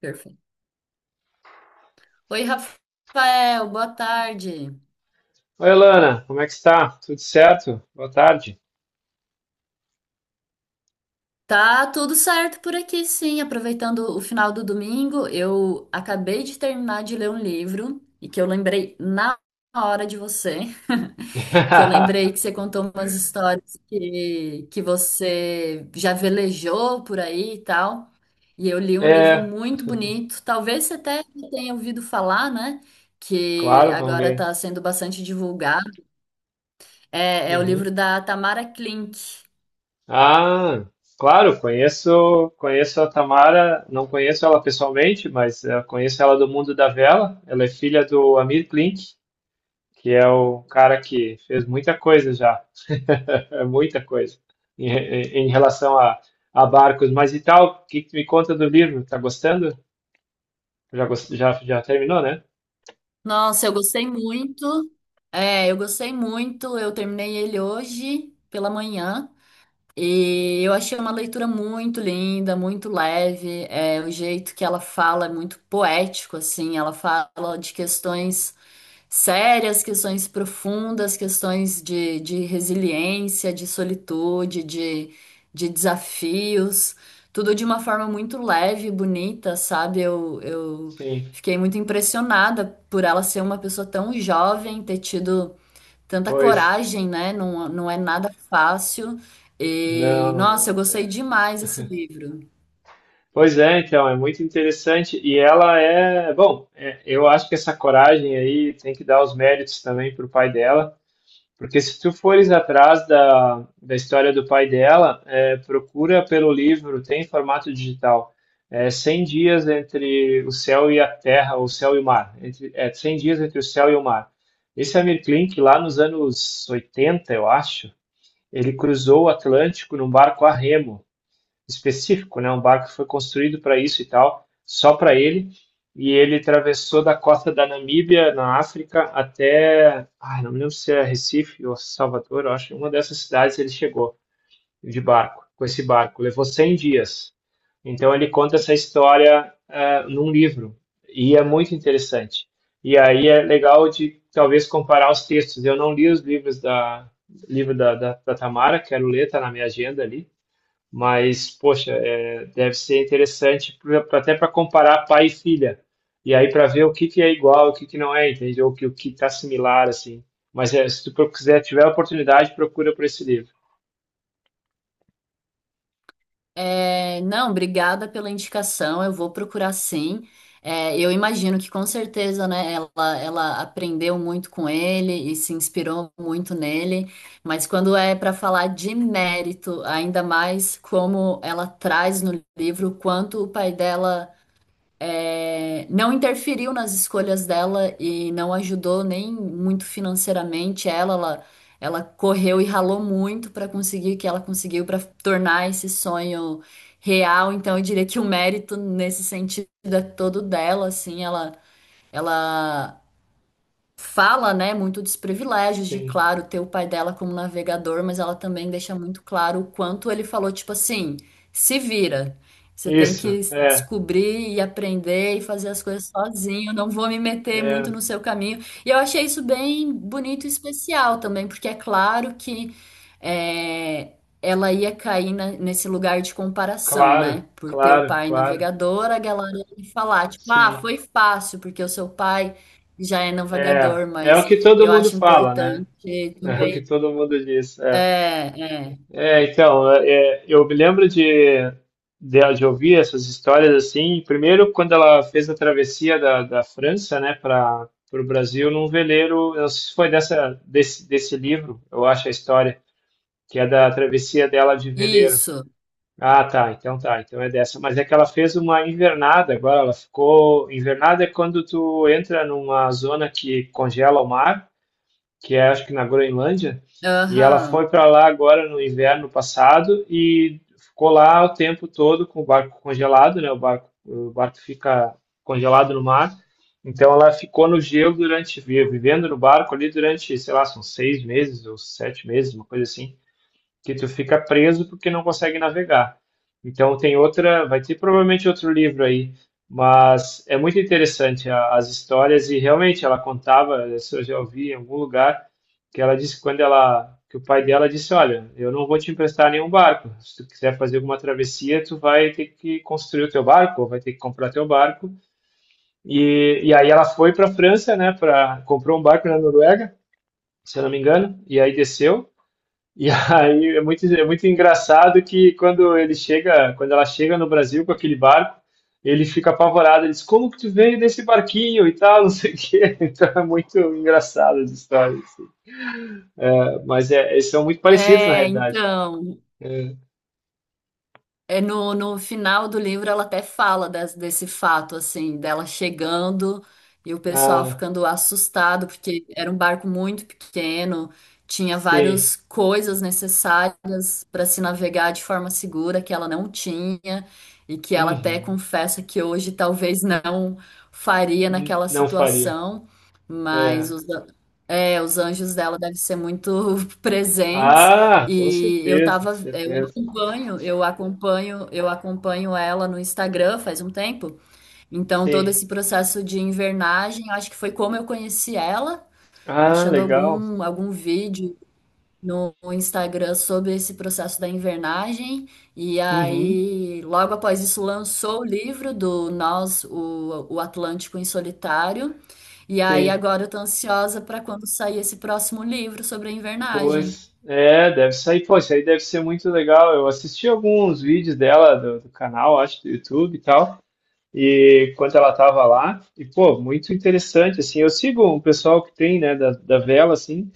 Perfeito. Oi, Rafael, boa tarde. Oi, Lana, como é que está? Tudo certo? Boa tarde. Tá tudo certo por aqui, sim. Aproveitando o final do domingo, eu acabei de terminar de ler um livro e que eu lembrei na hora de você, que eu lembrei que você contou umas histórias que você já velejou por aí e tal. E eu li um livro É, muito bonito, talvez você até tenha ouvido falar, né? Que claro, vamos agora está ver. sendo bastante divulgado. É o livro Uhum. da Tamara Klink. Ah, claro, conheço a Tamara, não conheço ela pessoalmente, mas conheço ela do mundo da vela. Ela é filha do Amir Klink, que é o cara que fez muita coisa já, muita coisa em relação a, barcos. Mas e tal, o que que me conta do livro? Tá gostando? Já, terminou, né? Nossa, eu gostei muito. É, eu gostei muito. Eu terminei ele hoje pela manhã. E eu achei uma leitura muito linda, muito leve. É, o jeito que ela fala é muito poético, assim. Ela fala de questões sérias, questões profundas, questões de resiliência, de solitude, de desafios, tudo de uma forma muito leve e bonita, sabe? Eu Sim, fiquei muito impressionada por ela ser uma pessoa tão jovem, ter tido tanta pois. coragem, né? Não, não é nada fácil. E, Não, nossa, eu não. gostei é. demais desse livro. Pois é, então, é muito interessante. E ela é, bom, é, eu acho que essa coragem aí tem que dar os méritos também para o pai dela, porque se tu fores atrás da história do pai dela, é, procura pelo livro, tem em formato digital. É 100 dias entre o céu e a terra, o céu e o mar. Entre, é 100 dias entre o céu e o mar. Esse Amir Klink, lá nos anos 80, eu acho, ele cruzou o Atlântico num barco a remo, específico, né? Um barco que foi construído para isso e tal, só para ele. E ele atravessou da costa da Namíbia, na África, até, ai, não me lembro se é Recife ou Salvador, eu acho que uma dessas cidades ele chegou de barco, com esse barco. Levou 100 dias. Então ele conta essa história num livro, e é muito interessante. E aí é legal de talvez comparar os textos. Eu não li os livros da livro da Tamara, quero ler, tá na minha agenda ali. Mas, poxa, é, deve ser interessante até para comparar pai e filha. E aí para ver o que que é igual, o que que não é, entende? Ou o que está similar, assim. Mas é, se tu quiser, tiver a oportunidade, procura por esse livro. É, não, obrigada pela indicação. Eu vou procurar sim. É, eu imagino que com certeza, né, ela aprendeu muito com ele e se inspirou muito nele. Mas quando é para falar de mérito, ainda mais como ela traz no livro, quanto o pai dela é, não interferiu nas escolhas dela e não ajudou nem muito financeiramente ela correu e ralou muito para conseguir o que ela conseguiu para tornar esse sonho real. Então eu diria que o mérito nesse sentido é todo dela, assim, ela fala, né, muito dos privilégios de, Sim. claro, ter o pai dela como navegador, mas ela também deixa muito claro o quanto ele falou, tipo assim, se vira. Você tem Isso, que é, descobrir e aprender e fazer as coisas sozinho, não vou me meter muito é, no seu caminho. E eu achei isso bem bonito e especial também, porque é claro que é, ela ia cair nesse lugar de comparação, né? claro, Por ter o claro, pai claro. navegador, a galera ia falar, tipo, ah, Sim. foi fácil, porque o seu pai já é É, navegador, é o mas que todo eu mundo acho fala, né? importante É o que também. todo mundo diz. É. É, é. É, então, é, é, eu me lembro de, de ouvir essas histórias assim. Primeiro, quando ela fez a travessia da França, né, para o Brasil, num veleiro. Eu não sei se foi dessa, desse livro, eu acho a história, que é da travessia dela de veleiro. Isso. Ah, tá, então é dessa. Mas é que ela fez uma invernada agora, ela ficou. Invernada é quando tu entra numa zona que congela o mar que é acho que na Groenlândia, e ela foi Aham. para lá agora no inverno passado e ficou lá o tempo todo com o barco congelado, né? O barco fica congelado no mar. Então ela ficou no gelo durante, vivendo no barco ali durante, sei lá, são 6 meses ou 7 meses, uma coisa assim que tu fica preso porque não consegue navegar. Então tem outra, vai ter provavelmente outro livro aí, mas é muito interessante as histórias e realmente ela contava, isso eu já ouvi em algum lugar, que ela disse que quando ela, que o pai dela disse, olha, eu não vou te emprestar nenhum barco. Se tu quiser fazer alguma travessia, tu vai ter que construir o teu barco, ou vai ter que comprar teu barco. E aí ela foi para a França, né, para comprou um barco na Noruega, se eu não me engano, e aí desceu e aí é muito engraçado que quando ele chega, quando ela chega no Brasil com aquele barco, ele fica apavorado, ele diz, como que tu veio nesse barquinho e tal, não sei o quê. Então é muito engraçado as histórias. É, mas é, eles são muito parecidos na É, realidade. então. É. É no, no final do livro ela até fala desse fato, assim, dela chegando e o pessoal Ah, ficando assustado, porque era um barco muito pequeno, tinha sim. várias coisas necessárias para se navegar de forma segura que ela não tinha, e que ela até Uhum. confessa que hoje talvez não faria N- naquela Não faria. situação, mas É. É, os anjos dela devem ser muito presentes. Ah, com E eu certeza, tava. É, certeza. Eu acompanho ela no Instagram faz um tempo. Então, todo Sim. esse processo de invernagem, eu acho que foi como eu conheci ela, Ah, achando legal. Algum vídeo no Instagram sobre esse processo da invernagem. E Uhum. aí, logo após isso, lançou o livro do Nós, o Atlântico em Solitário. E aí, Sim. agora eu tô ansiosa para quando sair esse próximo livro sobre a invernagem. Pois, é, deve sair. Pô, isso aí deve ser muito legal. Eu assisti alguns vídeos dela do, do canal, acho, do YouTube e tal, e quando ela tava lá, e pô, muito interessante, assim. Eu sigo um pessoal que tem, né, da vela, assim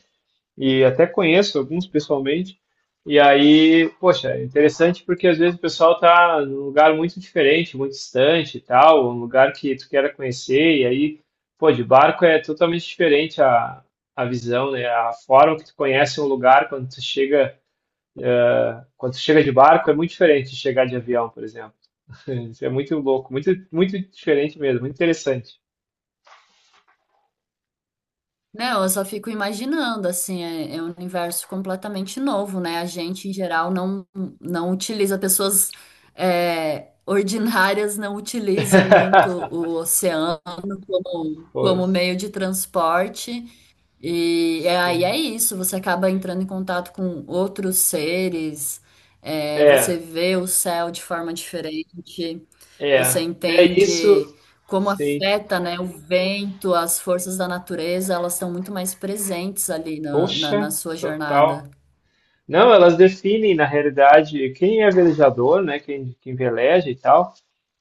e até conheço alguns pessoalmente. E aí, poxa, é interessante porque às vezes o pessoal tá num lugar muito diferente, muito distante e tal, um lugar que tu queira conhecer, e aí, pô, de barco é totalmente diferente a visão, né? A forma que tu conhece um lugar quando tu chega de barco é muito diferente de chegar de avião, por exemplo. Isso é muito louco, muito, muito diferente mesmo, muito interessante. Não, eu só fico imaginando, assim, é um universo completamente novo, né? A gente, em geral, não, não utiliza, pessoas é, ordinárias não utilizam muito o oceano como, como Pois, meio de transporte. E aí é sim. isso, você acaba entrando em contato com outros seres, é, você É, vê o céu de forma diferente, você é, é isso, entende como sim. afeta, né, o vento, as forças da natureza, elas estão muito mais presentes ali na Poxa, sua jornada. total. Não, elas definem, na realidade, quem é velejador, né? Quem, quem veleja e tal.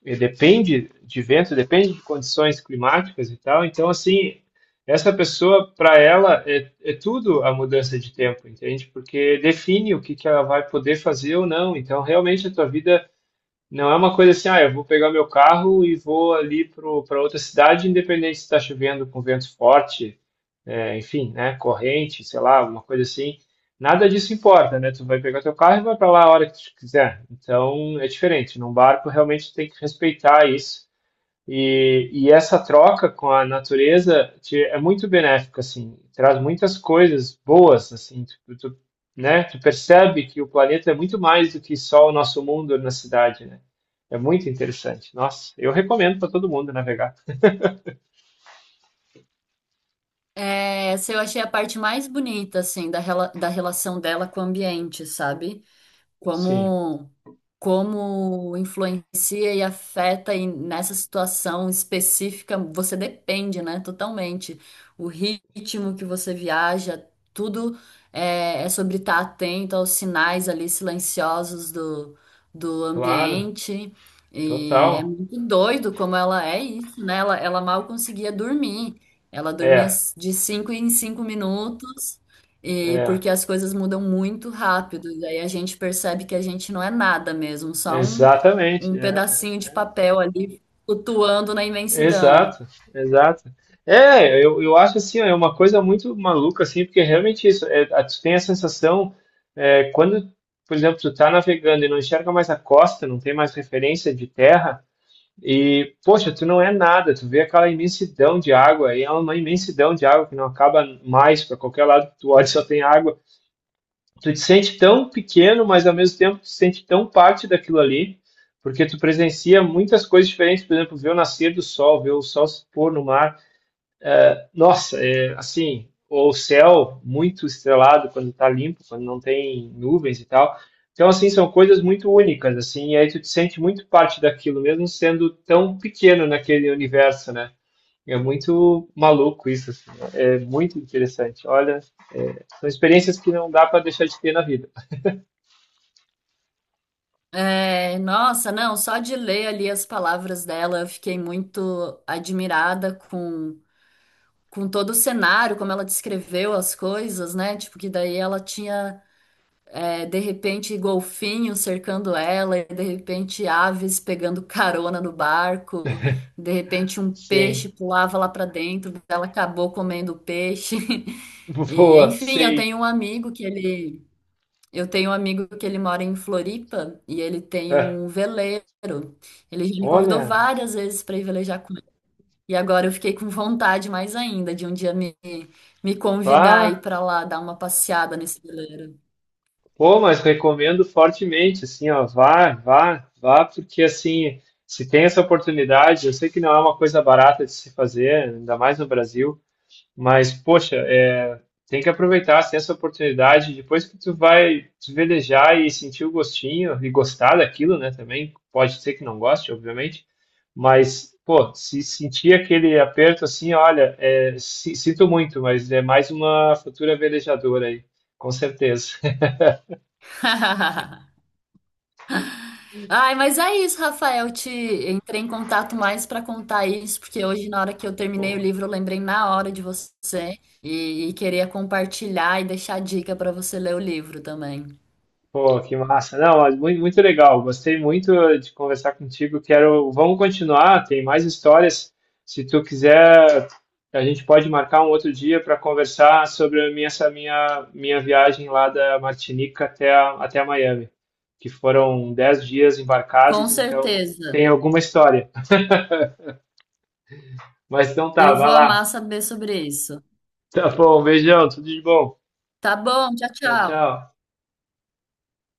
E depende de vento, depende de condições climáticas e tal. Então, assim, essa pessoa, para ela, é, é tudo a mudança de tempo, entende? Porque define o que que ela vai poder fazer ou não. Então, realmente, a tua vida não é uma coisa assim, ah, eu vou pegar meu carro e vou ali para outra cidade, independente se está chovendo com vento forte, é, enfim, né, corrente, sei lá, alguma coisa assim. Nada disso importa, né? Tu vai pegar teu carro e vai para lá a hora que tu quiser. Então é diferente. Num barco realmente tem que respeitar isso. E essa troca com a natureza te- é muito benéfica, assim. Traz muitas coisas boas, assim. Tu, né? Tu percebe que o planeta é muito mais do que só o nosso mundo na cidade, né? É muito interessante. Nossa, eu recomendo para todo mundo navegar. É, essa eu achei a parte mais bonita, assim, da relação dela com o ambiente, sabe? Sim, Como como influencia e afeta e nessa situação específica, você depende, né, totalmente. O ritmo que você viaja, tudo é, é sobre estar atento aos sinais ali silenciosos do, do claro, ambiente. E é total. muito doido como ela é isso, né? Ela mal conseguia dormir. Ela dormia É, de cinco em cinco minutos. E É, porque as coisas mudam muito rápido, e aí a gente percebe que a gente não é nada mesmo, só exatamente, um é, pedacinho é, de é. papel ali flutuando na imensidão. Exato, exato. É, eu acho assim, ó, é uma coisa muito maluca, assim, porque é realmente isso, é, tu tem a sensação, quando, por exemplo, tu tá navegando e não enxerga mais a costa, não tem mais referência de terra, e, poxa, tu não é nada, tu vê aquela imensidão de água, e é uma imensidão de água que não acaba mais, para qualquer lado que tu olha só tem água, tu te sente tão pequeno, mas ao mesmo tempo tu te sente tão parte daquilo ali, porque tu presencia muitas coisas diferentes, por exemplo, ver o nascer do sol, ver o sol se pôr no mar. Nossa, é assim, o céu muito estrelado quando está limpo, quando não tem nuvens e tal. Então, assim, são coisas muito únicas, assim, e aí tu te sente muito parte daquilo, mesmo sendo tão pequeno naquele universo, né? É muito maluco isso, assim, é muito interessante. Olha, é, são experiências que não dá para deixar de ter na vida. É, nossa, não, só de ler ali as palavras dela, eu fiquei muito admirada com todo o cenário, como ela descreveu as coisas, né? Tipo, que daí ela tinha é, de repente, golfinhos cercando ela, e de repente, aves pegando carona no barco, de repente, um Sim, peixe pulava lá para dentro, ela acabou comendo o peixe. E, boa, enfim, sei. Eu tenho um amigo que ele mora em Floripa e ele tem É. um veleiro. Ele já me convidou Olha, várias vezes para ir velejar com ele. E agora eu fiquei com vontade mais ainda de um dia me convidar vá, e ir para lá dar uma passeada nesse veleiro. pô, mas recomendo fortemente, assim, ó, vá, vá, vá, porque assim, se tem essa oportunidade, eu sei que não é uma coisa barata de se fazer, ainda mais no Brasil, mas, poxa, é, tem que aproveitar assim, essa oportunidade. Depois que tu vai se velejar e sentir o gostinho e gostar daquilo, né? Também pode ser que não goste, obviamente, mas, pô, se sentir aquele aperto assim, olha, é, sinto muito, mas é mais uma futura velejadora aí, com certeza. Ai, mas é isso, Rafael. Te entrei em contato mais para contar isso, porque hoje, na hora que eu terminei o livro, eu lembrei na hora de você e queria compartilhar e deixar dica para você ler o livro também. Pô, que massa. Não, mas muito, muito legal. Gostei muito de conversar contigo. Quero, vamos continuar, tem mais histórias. Se tu quiser, a gente pode marcar um outro dia para conversar sobre a minha, essa minha viagem lá da Martinica até, até a Miami, que foram 10 dias Com embarcados, então certeza. tem alguma história. Mas então tá, Eu vai vou lá. amar saber sobre isso. Tá bom, beijão, tudo de bom. Tá bom, tchau, Tchau, tchau. tchau.